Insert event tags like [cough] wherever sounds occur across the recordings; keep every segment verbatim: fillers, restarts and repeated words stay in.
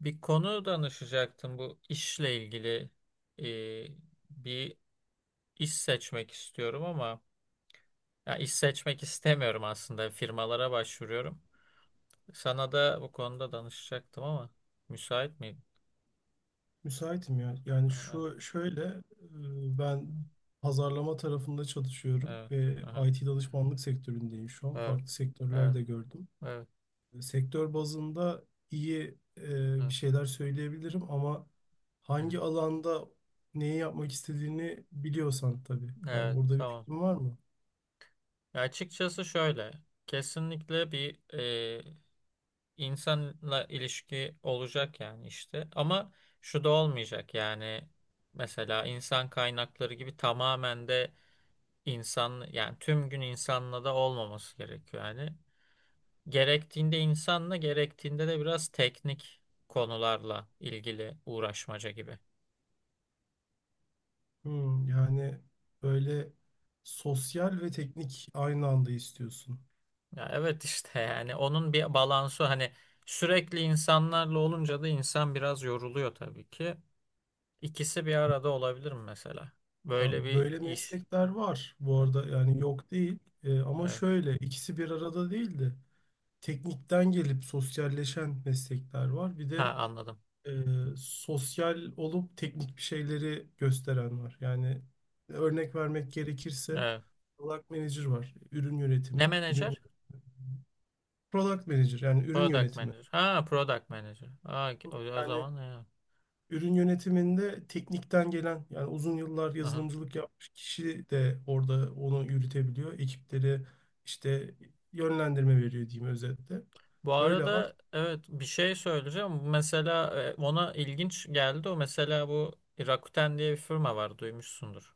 Bir konu danışacaktım bu işle ilgili. Ee, Bir iş seçmek istiyorum ama ya iş seçmek istemiyorum, aslında firmalara başvuruyorum. Sana da bu konuda danışacaktım ama müsait miydin? Müsaitim ya. Yani Aha. şu şöyle e, ben pazarlama tarafında çalışıyorum Evet, ve aha, I T danışmanlık sektöründeyim şu an. evet, Farklı sektörler evet, de gördüm. evet, Sektör bazında iyi e, bir evet, şeyler söyleyebilirim ama hı hangi hı, alanda neyi yapmak istediğini biliyorsan tabii. evet, Yani orada bir tamam. fikrin var mı? Ya açıkçası şöyle, kesinlikle bir insanla ilişki olacak yani işte. Ama şu da olmayacak yani, mesela insan kaynakları gibi tamamen de insan, yani tüm gün insanla da olmaması gerekiyor yani. Gerektiğinde insanla, gerektiğinde de biraz teknik konularla ilgili uğraşmaca gibi. Hmm, yani böyle sosyal ve teknik aynı anda istiyorsun. Ya evet işte [laughs] yani onun bir balansı, hani sürekli insanlarla olunca da insan biraz yoruluyor tabii ki. İkisi bir arada olabilir mi mesela? Ya Böyle bir böyle iş. meslekler var bu Evet. arada, yani yok değil E, ama Evet. şöyle ikisi bir arada değil de teknikten gelip sosyalleşen meslekler var, bir de Ha, anladım. e, sosyal olup teknik bir şeyleri gösteren var. Yani örnek vermek gerekirse Evet. product manager var, ürün Ne yönetimi. ürün menajer? Product manager, yani ürün Product yönetimi. manager. Ha, product manager. Ha, o, o Yani zaman ya. ürün yönetiminde teknikten gelen, yani uzun yıllar Aha. yazılımcılık yapmış kişi de orada onu yürütebiliyor. Ekipleri işte yönlendirme veriyor diyeyim, özetle. Bu Öyle var. arada evet, bir şey söyleyeceğim. Mesela e, ona ilginç geldi. O mesela bu Rakuten diye bir firma var. Duymuşsundur.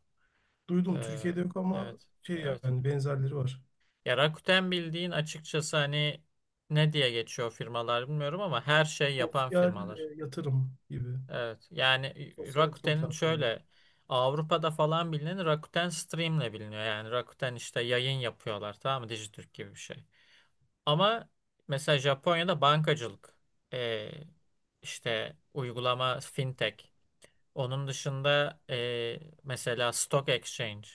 Ee, Duydum, Türkiye'de yok ama evet. şey, Evet. yani benzerleri var. Ya Rakuten, bildiğin, açıkçası hani ne diye geçiyor firmalar bilmiyorum ama her şey yapan Sosyal firmalar. e, yatırım gibi. Evet. Yani Sosyal yatırım Rakuten'in platformu. şöyle, Avrupa'da falan bilinen Rakuten Stream'le biliniyor. Yani Rakuten işte yayın yapıyorlar, tamam mı? Dijitürk gibi bir şey. Ama mesela Japonya'da bankacılık, e, işte uygulama, fintech. Onun dışında e, mesela stock exchange,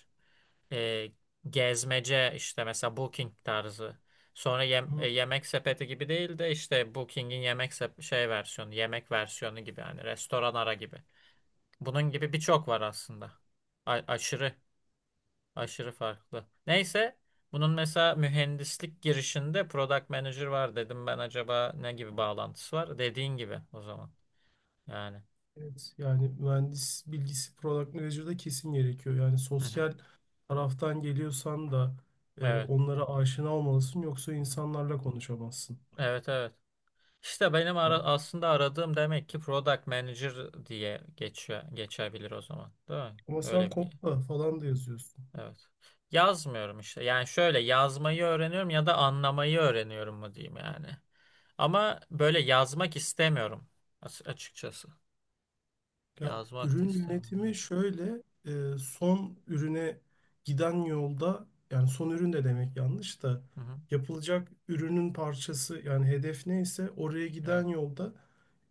e, gezmece işte, mesela booking tarzı. Sonra yem- e, Hı, yemek sepeti gibi değil de işte Booking'in yemek sep- şey versiyonu, yemek versiyonu gibi, yani restoran ara gibi. Bunun gibi birçok var aslında. A- aşırı, aşırı farklı. Neyse, bunun mesela mühendislik girişinde product manager var dedim, ben acaba ne gibi bağlantısı var? Dediğin gibi o zaman. Yani. Evet, yani mühendis bilgisi product manager'da kesin gerekiyor. Yani Hı hı. sosyal taraftan geliyorsan da e, Evet. onlara aşina olmalısın, yoksa Hı hı. insanlarla konuşamazsın. Evet, evet. İşte benim ara- aslında aradığım demek ki product manager diye geçiyor, geçebilir o zaman. Değil mi? Ama sen Öyle bir. kopla falan da yazıyorsun. Evet. Yazmıyorum işte. Yani şöyle, yazmayı öğreniyorum ya da anlamayı öğreniyorum mu diyeyim yani. Ama böyle yazmak istemiyorum as- açıkçası. Ya, Yazmak da ürün istemiyorum. yönetimi şöyle e, son ürüne giden yolda, yani son ürün de demek yanlış da, Evet. Hı hı. yapılacak ürünün parçası. Yani hedef neyse oraya Evet. giden yolda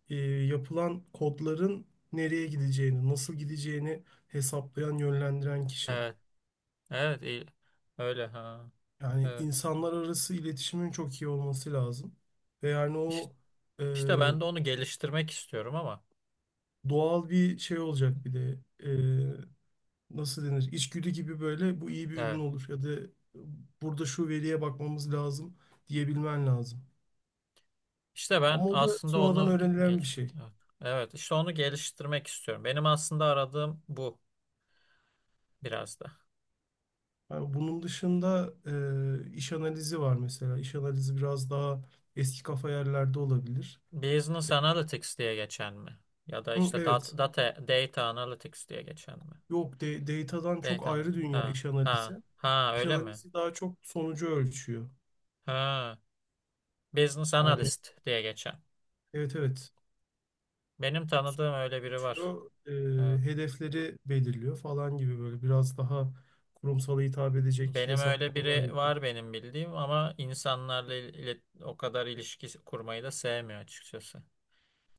e, yapılan kodların nereye gideceğini, nasıl gideceğini hesaplayan, yönlendiren kişi. Evet. Evet, iyi. Öyle ha. Yani Evet. insanlar arası iletişimin çok iyi olması lazım. Ve yani İşte, o e, işte ben de onu geliştirmek istiyorum ama. doğal bir şey olacak bir de. E, Nasıl denir, içgüdü gibi. Böyle bu iyi bir ürün Evet. olur ya da burada şu veriye bakmamız lazım diyebilmen lazım. İşte ben Ama o da aslında sonradan onu ge- öğrenilen bir geliş, şey. evet. Evet, işte onu geliştirmek istiyorum. Benim aslında aradığım bu, biraz da. Yani bunun dışında e, iş analizi var, mesela. İş analizi biraz daha eski kafa yerlerde olabilir. Business Analytics diye geçen mi? Ya da Hı, işte evet. dat- data, data Analytics diye geçen mi? Yok, de, datadan çok Data ayrı Analytics. dünya Ha, iş analizi. ha, ha, İş öyle mi? analizi daha çok sonucu ölçüyor. Ha, Business Yani, Analyst diye geçen. evet, evet, Benim tanıdığım öyle biri var. geçiyor, e, Evet. hedefleri belirliyor falan gibi, böyle biraz daha kurumsala hitap edecek Benim öyle hesaplamalar biri yapıyor. var, benim bildiğim, ama insanlarla il- ilet- o kadar ilişki kurmayı da sevmiyor açıkçası.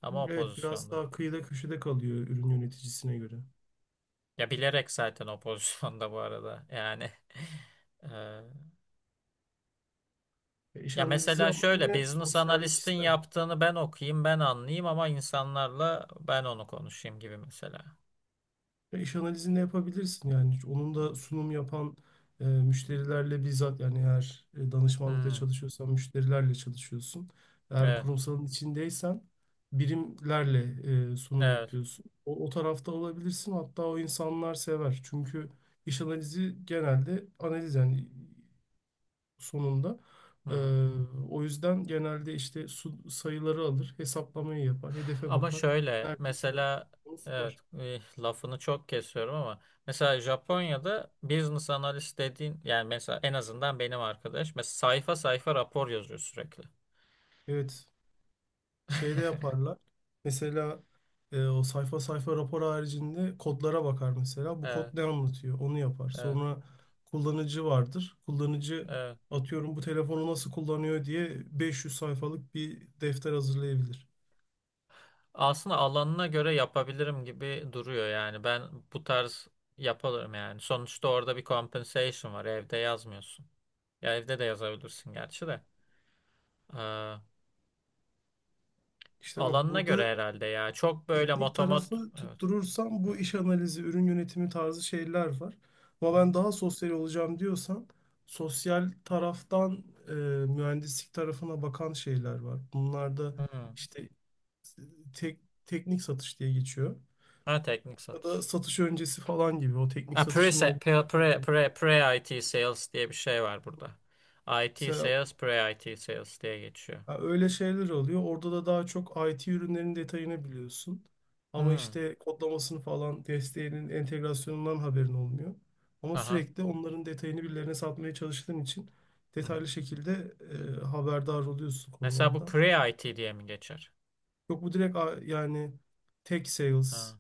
Ama o Evet, biraz pozisyonda. daha kıyıda köşede kalıyor ürün yöneticisine göre. Ya bilerek zaten o [laughs] pozisyonda bu arada. Yani [laughs] eee, E, İş ya analizi mesela ama şöyle, yine business sosyallik analist'in ister. yaptığını ben okuyayım, ben anlayayım ama insanlarla ben onu konuşayım gibi mesela. Ve iş analizini yapabilirsin yani. Onun da sunum yapan e, müşterilerle bizzat, yani eğer e, danışmanlıkla Hmm, çalışıyorsan müşterilerle çalışıyorsun. Eğer evet, kurumsalın içindeysen birimlerle e, sunum evet. yapıyorsun. O, o tarafta olabilirsin, hatta o insanlar sever. Çünkü iş analizi genelde analiz, yani sonunda. Hı E, hı. O yüzden genelde işte su- sayıları alır, hesaplamayı yapar, hedefe Ama bakar, şöyle neredeyse der, mesela, onu evet, sunar. eh, lafını çok kesiyorum ama mesela Japonya'da business analist dediğin, yani mesela en azından benim arkadaş, mesela sayfa sayfa rapor yazıyor sürekli. Evet, şey de [laughs] yaparlar. Mesela e, o sayfa sayfa rapor haricinde kodlara bakar mesela. Bu kod Evet, ne anlatıyor? Onu yapar. evet, Sonra kullanıcı vardır. Kullanıcı, evet. atıyorum, bu telefonu nasıl kullanıyor diye beş yüz sayfalık bir defter hazırlayabilir. Aslında alanına göre yapabilirim gibi duruyor yani. Ben bu tarz yaparım yani. Sonuçta orada bir compensation var. Evde yazmıyorsun. Ya evde de yazabilirsin gerçi de. Ee, İşte bak, Alanına göre burada herhalde ya. Çok böyle teknik motomot, tarafı evet. tutturursam bu Evet. iş analizi, ürün yönetimi tarzı şeyler var. Hı Ama hı. ben daha sosyal olacağım diyorsan sosyal taraftan e, mühendislik tarafına bakan şeyler var. Bunlarda Hı. işte tek, teknik satış diye geçiyor. Ha, teknik Ya da satış. satış öncesi falan gibi, o teknik Ha, pre, satışın olduğu pre, yerler pre, oluyor. pre, pre I T sales diye bir şey var burada. I T Mesela sales, pre I T sales diye geçiyor. ya, öyle şeyler oluyor. Orada da daha çok I T ürünlerin detayını biliyorsun. Ama Hı. işte kodlamasını falan, desteğinin, entegrasyonundan haberin olmuyor. Ama Aha. sürekli onların detayını birilerine satmaya çalıştığın için Hı hı. detaylı şekilde e, haberdar oluyorsun Mesela bu konulardan. pre I T diye mi geçer? Yok, bu direkt a- yani tech sales, Ha.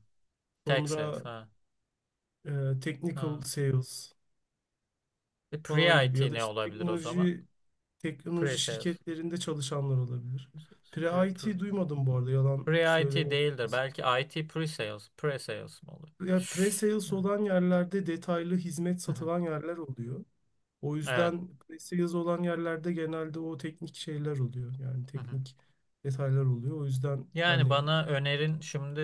Tech sales. sonra Ha. e, technical Ha. sales E, falan gibi, Pre-I T ya da ne işte olabilir o zaman? teknoloji Teknoloji Pre-sales. şirketlerinde çalışanlar olabilir. Pre, Pre-I T duymadım bu arada, yalan pre, pre-IT söylemek. değildir. Belki I T pre-sales. Pre-sales mi olur? Ya, pre-sales Evet. olan yerlerde detaylı hizmet Hı hı. satılan yerler oluyor. O Evet. yüzden pre-sales olan yerlerde genelde o teknik şeyler oluyor. Yani Hı hı. teknik detaylar oluyor. O yüzden Yani yani, bana önerin şimdi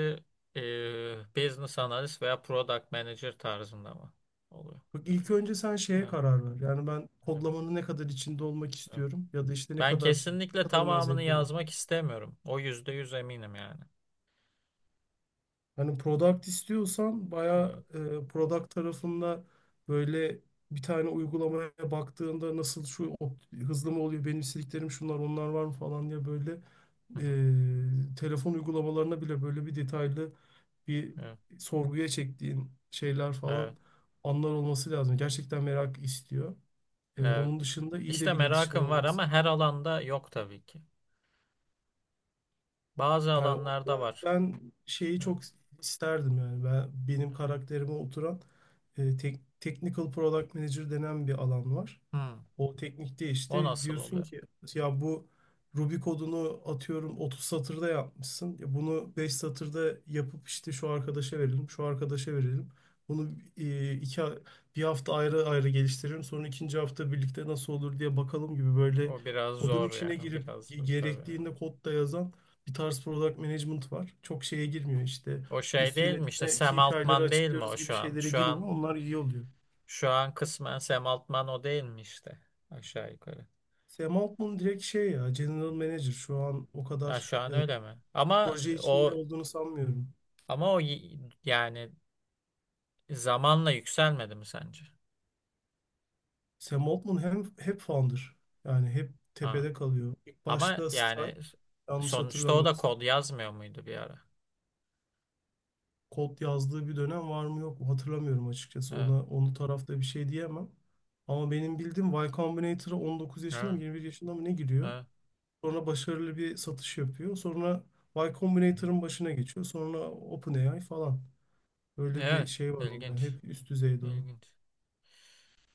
e, business analyst veya product manager tarzında mı oluyor? bak, ilk önce sen şeye Evet. karar ver. Yani ben Hı hı. kodlamanın ne kadar içinde olmak Evet. istiyorum, ya da işte ne Ben kadar ne kesinlikle kadarından tamamını zevk alıyorum. yazmak istemiyorum. O yüzde yüz eminim yani. Hani product istiyorsan Evet. bayağı e, product tarafında böyle, bir tane uygulamaya baktığında nasıl, şu op- hızlı mı oluyor, benim istediklerim şunlar, onlar var mı falan diye, böyle Hı hı. e, telefon uygulamalarına bile böyle bir detaylı bir Evet. sorguya çektiğin şeyler falan Evet. anlar olması lazım. Gerçekten merak istiyor. E, Evet. Onun dışında iyi de İşte bir iletişimin merakım var olması. ama her alanda yok tabii ki. Bazı Yani alanlarda orada var. ben şeyi Hı. çok isterdim, yani ben benim karakterime oturan e, tek- technical product manager denen bir alan var. Hmm. O teknikte O işte nasıl diyorsun oluyor? ki ya, bu Ruby kodunu atıyorum otuz satırda yapmışsın. Ya bunu beş satırda yapıp işte şu arkadaşa verelim, şu arkadaşa verelim. Bunu e, iki ha- bir hafta ayrı ayrı geliştirelim. Sonra ikinci hafta birlikte nasıl olur diye bakalım gibi, böyle O biraz kodun zor ya. içine girip Biraz ge- zor tabii. Evet. gerektiğinde kodda yazan bir tarz product management var. Çok şeye girmiyor işte, O şey üst değil mi, işte yönetime Sam K P I'leri Altman değil mi açıklıyoruz o gibi şu an? şeylere Şu an girmiyor. Onlar iyi oluyor. şu an kısmen Sam Altman o değil mi işte, aşağı yukarı. Sam Altman direkt şey ya, General Manager, şu an o Ha, şu kadar e, an öyle mi? Ama proje içinde o olduğunu sanmıyorum. ama o y- yani zamanla yükselmedi mi sence? Sam Altman hem hep founder, yani hep Ha. tepede kalıyor. İlk Ama başta Stripe, yani yanlış sonuçta o da hatırlamıyorsam, kod yazmıyor muydu bir ara? kod yazdığı bir dönem var mı yok mu hatırlamıyorum açıkçası. Evet. Ona onu tarafta bir şey diyemem. Ama benim bildiğim Y Combinator'a on dokuz yaşında mı Evet. yirmi bir yaşında mı ne giriyor. Evet. Sonra başarılı bir satış yapıyor. Sonra Y Hı hı. Combinator'ın başına geçiyor. Sonra OpenAI falan. Böyle bir Evet. şey var onda. İlginç. Hep üst düzeyde o. İlginç.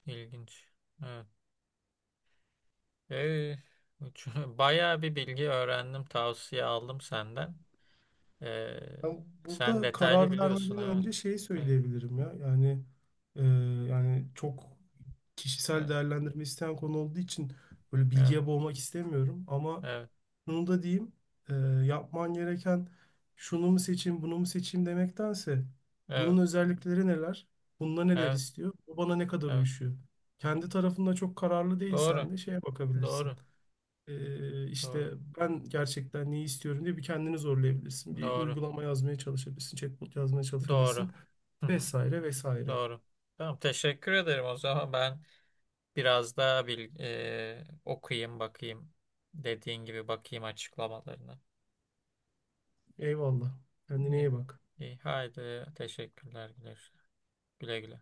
İlginç. Evet. Ee, üç- [laughs] bayağı bir bilgi öğrendim, tavsiye aldım senden. Ee, Ben sen burada detaylı karar biliyorsun, vermeden evet. önce şeyi söyleyebilirim ya. Yani e, yani çok kişisel Evet, değerlendirme isteyen konu olduğu için böyle evet, bilgiye boğmak istemiyorum. Ama evet, şunu da diyeyim. e, Yapman gereken, şunu mu seçeyim bunu mu seçeyim demektense, bunun evet, özellikleri neler? Bunda neler evet, evet, istiyor? Bu bana ne kadar evet. uyuşuyor? Kendi tarafında çok kararlı Doğru, değilsen de şeye bakabilirsin. doğru, Ee, doğru, işte ben gerçekten neyi istiyorum diye bir kendini zorlayabilirsin. Bir doğru, uygulama yazmaya çalışabilirsin, chatbot yazmaya doğru. çalışabilirsin Hı hı. vesaire vesaire. Doğru. Tamam, teşekkür ederim. O zaman ben biraz daha bil, e, okuyayım, bakayım. Dediğin gibi bakayım açıklamalarına. Eyvallah. Kendine İyi, iyi bak. iyi. Haydi, teşekkürler. Güle güle. Güle güle.